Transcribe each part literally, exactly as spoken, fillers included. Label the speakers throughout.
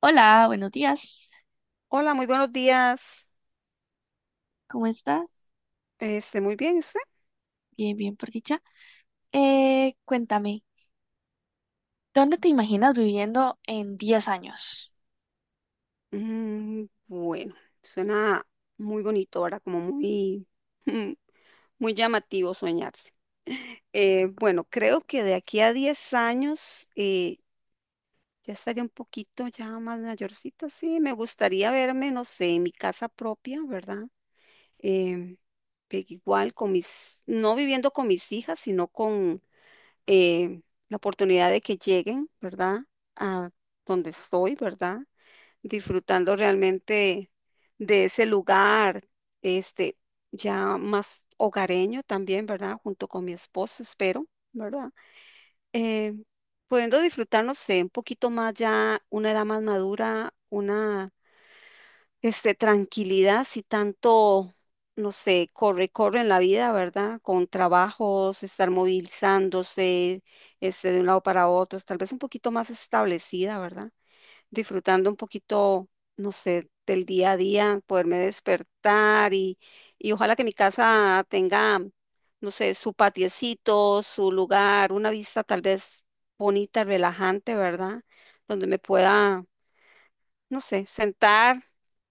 Speaker 1: Hola, buenos días.
Speaker 2: Hola, muy buenos días.
Speaker 1: ¿Cómo estás?
Speaker 2: Este, muy bien, ¿y usted?
Speaker 1: Bien, bien, por dicha. Eh, cuéntame, ¿dónde te imaginas viviendo en diez años?
Speaker 2: Mm, bueno, suena muy bonito, ahora como muy, mm, muy llamativo soñarse. Eh, bueno, creo que de aquí a diez años eh, ya estaría un poquito ya más mayorcita, sí. Me gustaría verme, no sé, en mi casa propia, ¿verdad? Em, pe- igual con mis, no viviendo con mis hijas, sino con em, la oportunidad de que lleguen, ¿verdad? A donde estoy, ¿verdad? Disfrutando realmente de ese lugar, este, ya más hogareño también, ¿verdad? Junto con mi esposo, espero, ¿verdad? Eh, Pudiendo disfrutar, no sé, un poquito más ya, una edad más madura, una, este, tranquilidad, si tanto, no sé, corre, corre en la vida, ¿verdad? Con trabajos, estar movilizándose, este, de un lado para otro, tal vez un poquito más establecida, ¿verdad? Disfrutando un poquito, no sé, del día a día, poderme despertar y, y ojalá que mi casa tenga, no sé, su patiecito, su lugar, una vista tal vez bonita, relajante, ¿verdad? Donde me pueda no sé, sentar,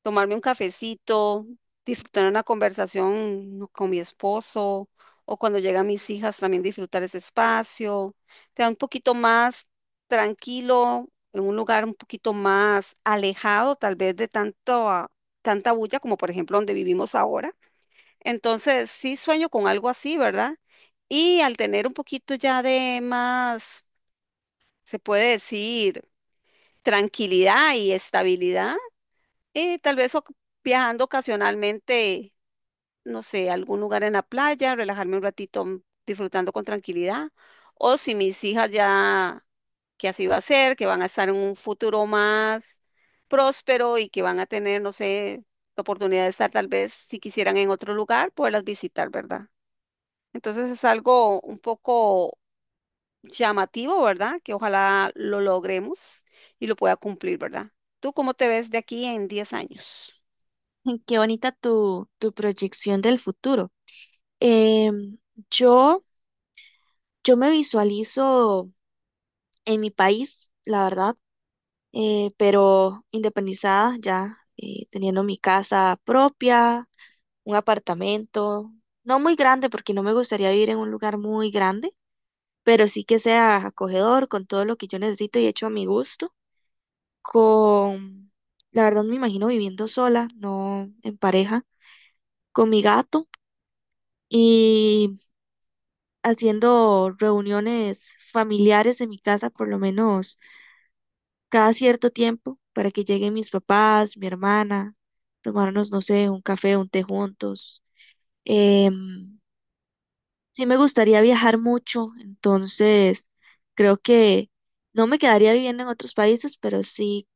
Speaker 2: tomarme un cafecito, disfrutar una conversación no, con mi esposo o cuando llegan mis hijas también disfrutar ese espacio. Te da un poquito más tranquilo, en un lugar un poquito más alejado tal vez de tanto, ah, tanta bulla como por ejemplo donde vivimos ahora. Entonces sí sueño con algo así, ¿verdad? Y al tener un poquito ya de más, se puede decir, tranquilidad y estabilidad y tal vez oc- viajando ocasionalmente, no sé, a algún lugar en la playa, relajarme un ratito mm, disfrutando con tranquilidad. O si mis hijas ya, que así va a ser, que van a estar en un futuro más próspero y que van a tener, no sé, la oportunidad de estar tal vez, si quisieran, en otro lugar, poderlas visitar, ¿verdad? Entonces es algo un poco llamativo, ¿verdad? Que ojalá lo logremos y lo pueda cumplir, ¿verdad? ¿Tú cómo te ves de aquí en diez años?
Speaker 1: Qué bonita tu, tu proyección del futuro. Em, yo, yo me visualizo en mi país, la verdad, eh, pero independizada ya, eh, teniendo mi casa propia, un apartamento, no muy grande porque no me gustaría vivir en un lugar muy grande pero sí que sea acogedor con todo lo que yo necesito y hecho a mi gusto. Con, la verdad me imagino viviendo sola, no en pareja, con mi gato y haciendo reuniones familiares en mi casa por lo menos cada cierto tiempo para que lleguen mis papás, mi hermana, tomarnos, no sé, un café, un té juntos. Em, Sí, me gustaría viajar mucho, entonces creo que no me quedaría viviendo en otros países, pero sí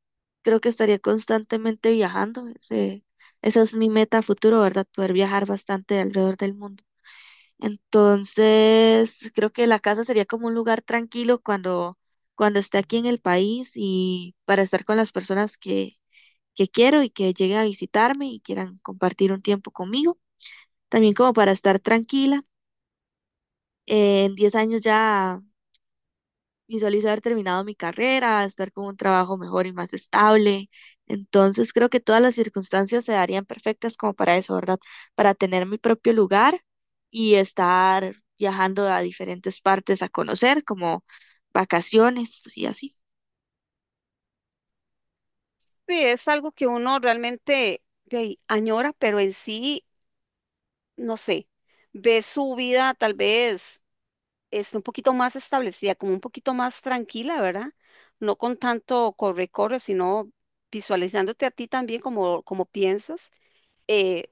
Speaker 1: creo que estaría constantemente viajando. Ese, esa es mi meta a futuro, ¿verdad? Poder viajar bastante alrededor del mundo. Entonces, creo que la casa sería como un lugar tranquilo cuando, cuando esté aquí en el país y para estar con las personas que, que quiero y que lleguen a visitarme y quieran compartir un tiempo conmigo. También como para estar tranquila. Eh, en diez años ya visualizo haber terminado mi carrera, estar con un trabajo mejor y más estable. Entonces creo que todas las circunstancias se darían perfectas como para eso, ¿verdad? Para tener mi propio lugar y estar viajando a diferentes partes a conocer, como vacaciones y así.
Speaker 2: Sí, es algo que uno realmente de ahí, añora, pero en sí, no sé, ve su vida tal vez este, un poquito más establecida, como un poquito más tranquila, ¿verdad? No con tanto corre-corre, sino visualizándote a ti también como, como piensas eh,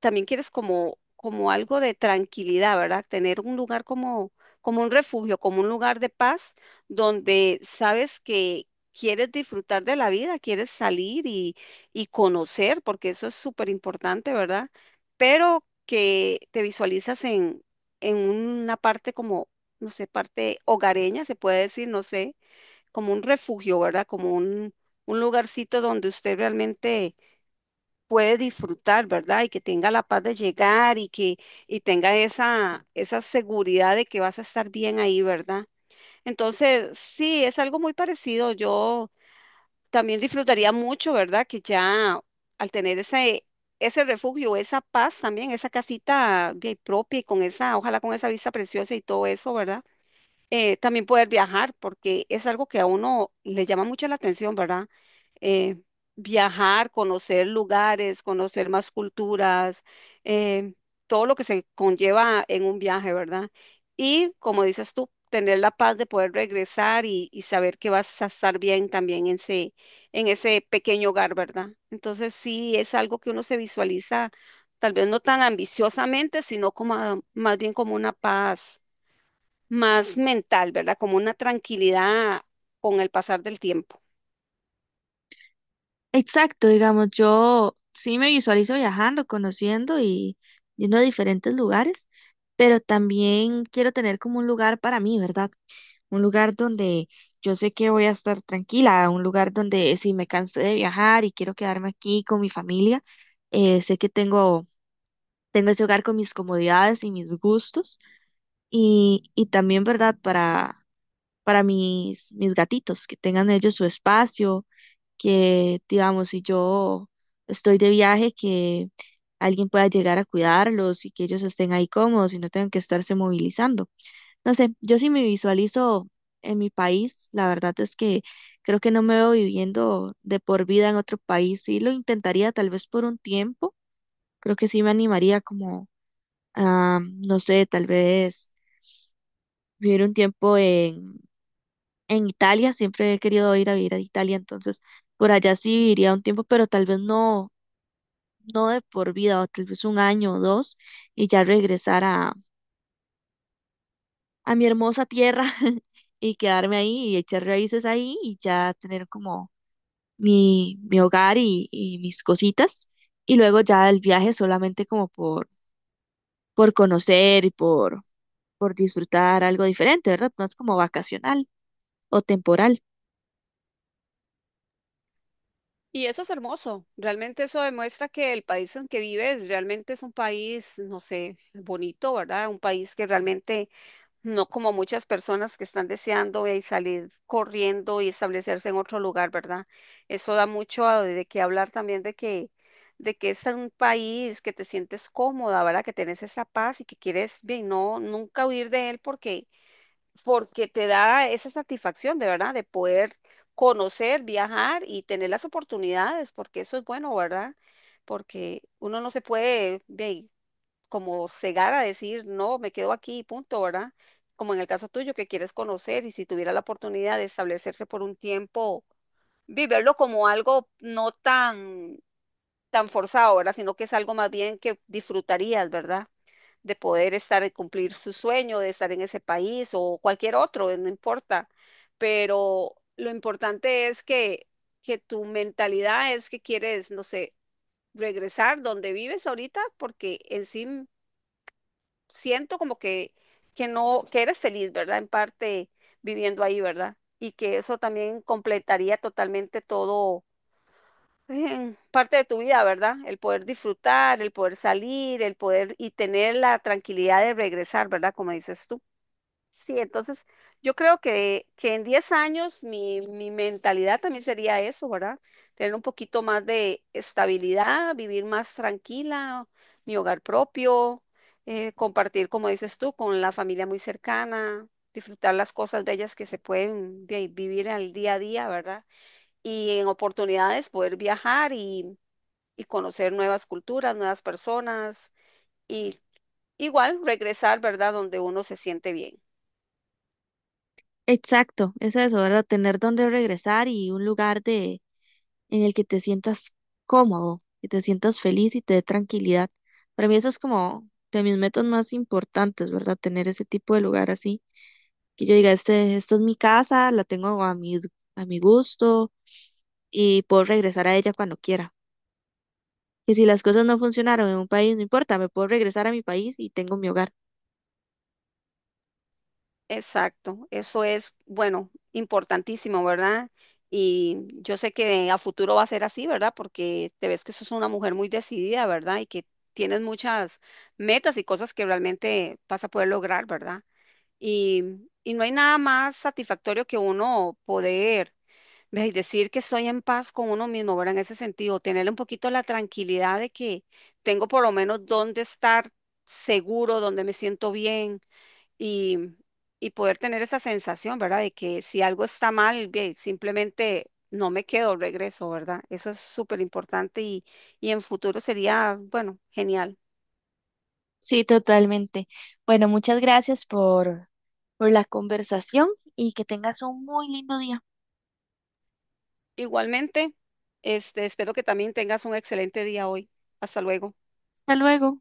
Speaker 2: también quieres como, como algo de tranquilidad, ¿verdad? Tener un lugar como, como un refugio, como un lugar de paz, donde sabes que quieres disfrutar de la vida, quieres salir y, y conocer, porque eso es súper importante, ¿verdad? Pero que te visualizas en, en una parte como, no sé, parte hogareña, se puede decir, no sé, como un refugio, ¿verdad? Como un, un lugarcito donde usted realmente puede disfrutar, ¿verdad? Y que tenga la paz de llegar y que y tenga esa, esa seguridad de que vas a estar bien ahí, ¿verdad? Entonces, sí, es algo muy parecido. Yo también disfrutaría mucho, ¿verdad? Que ya al tener ese, ese refugio, esa paz también, esa casita bien propia y con esa, ojalá con esa vista preciosa y todo eso, ¿verdad? eh, también poder viajar, porque es algo que a uno le llama mucho la atención, ¿verdad? Eh, Viajar, conocer lugares, conocer más culturas, eh, todo lo que se conlleva en un viaje, ¿verdad? Y como dices tú, tener la paz de poder regresar y, y saber que vas a estar bien también en ese, en ese, pequeño hogar, ¿verdad? Entonces sí, es algo que uno se visualiza, tal vez no tan ambiciosamente, sino como a- más bien como una paz más mental, ¿verdad? Como una tranquilidad con el pasar del tiempo.
Speaker 1: Exacto, digamos, yo sí me visualizo viajando, conociendo y yendo a diferentes lugares, pero también quiero tener como un lugar para mí, ¿verdad? Un lugar donde yo sé que voy a estar tranquila, un lugar donde si me cansé de viajar y quiero quedarme aquí con mi familia, eh, sé que tengo, tengo ese hogar con mis comodidades y mis gustos y, y también, ¿verdad? Para, para mis, mis gatitos, que tengan ellos su espacio, que digamos, si yo estoy de viaje, que alguien pueda llegar a cuidarlos y que ellos estén ahí cómodos y no tengan que estarse movilizando. No sé, yo sí me visualizo en mi país, la verdad es que creo que no me veo viviendo de por vida en otro país. Sí lo intentaría tal vez por un tiempo, creo que sí me animaría como a, no sé, tal vez vivir un tiempo en, en Italia, siempre he querido ir a vivir a Italia, entonces por allá sí viviría un tiempo, pero tal vez no, no de por vida, o tal vez un año o dos y ya regresar a mi hermosa tierra y quedarme ahí y echar raíces ahí y ya tener como mi, mi hogar y, y mis cositas. Y luego ya el viaje solamente como por, por conocer y por, por disfrutar algo diferente, ¿verdad? No es como vacacional o temporal.
Speaker 2: Y eso es hermoso, realmente eso demuestra que el país en que vives realmente es un país, no sé, bonito, ¿verdad? Un país que realmente no como muchas personas que están deseando eh, salir corriendo y establecerse en otro lugar, ¿verdad? Eso da mucho a- de qué hablar también de que, de que, es un país que te sientes cómoda, ¿verdad? Que tenés esa paz y que quieres bien, no, nunca huir de él porque porque te da esa satisfacción de verdad de poder conocer, viajar y tener las oportunidades, porque eso es bueno, ¿verdad? Porque uno no se puede ve, como cegar a decir, no, me quedo aquí, y punto, ¿verdad? Como en el caso tuyo, que quieres conocer y si tuviera la oportunidad de establecerse por un tiempo, viverlo como algo no tan, tan forzado, ¿verdad? Sino que es algo más bien que disfrutarías, ¿verdad? De poder estar, y cumplir su sueño, de estar en ese país o cualquier otro, no importa. Pero lo importante es que, que, tu mentalidad es que quieres, no sé, regresar donde vives ahorita, porque en sí siento como que, que no, que eres feliz, ¿verdad? En parte viviendo ahí, ¿verdad? Y que eso también completaría totalmente todo es en parte de tu vida, ¿verdad? El poder disfrutar, el poder salir, el poder y tener la tranquilidad de regresar, ¿verdad? Como dices tú. Sí, entonces yo creo que, que en diez años mi, mi mentalidad también sería eso, ¿verdad? Tener un poquito más de estabilidad, vivir más tranquila, mi hogar propio, eh, compartir, como dices tú, con la familia muy cercana, disfrutar las cosas bellas que se pueden vi- vivir al día a día, ¿verdad? Y en oportunidades poder viajar y, y conocer nuevas culturas, nuevas personas y igual regresar, ¿verdad? Donde uno se siente bien.
Speaker 1: Exacto, es eso, ¿verdad? Tener donde regresar y un lugar de, en el que te sientas cómodo, que te sientas feliz y te dé tranquilidad. Para mí eso es como de mis metas más importantes, ¿verdad? Tener ese tipo de lugar así. Que yo diga, este, esta es mi casa, la tengo a mi, a mi gusto y puedo regresar a ella cuando quiera. Que si las cosas no funcionaron en un país, no importa, me puedo regresar a mi país y tengo mi hogar.
Speaker 2: Exacto, eso es, bueno, importantísimo, ¿verdad? Y yo sé que a futuro va a ser así, ¿verdad? Porque te ves que sos una mujer muy decidida, ¿verdad? Y que tienes muchas metas y cosas que realmente vas a poder lograr, ¿verdad? Y, y no hay nada más satisfactorio que uno poder Ve, y decir que estoy en paz con uno mismo, ¿verdad? En ese sentido, tener un poquito la tranquilidad de que tengo por lo menos dónde estar seguro, donde me siento bien y, y poder tener esa sensación, ¿verdad? De que si algo está mal, ve, simplemente no me quedo, regreso, ¿verdad? Eso es súper importante y, y en futuro sería, bueno, genial.
Speaker 1: Sí, totalmente. Bueno, muchas gracias por, por la conversación y que tengas un muy lindo día.
Speaker 2: Igualmente, este, espero que también tengas un excelente día hoy. Hasta luego.
Speaker 1: Hasta luego.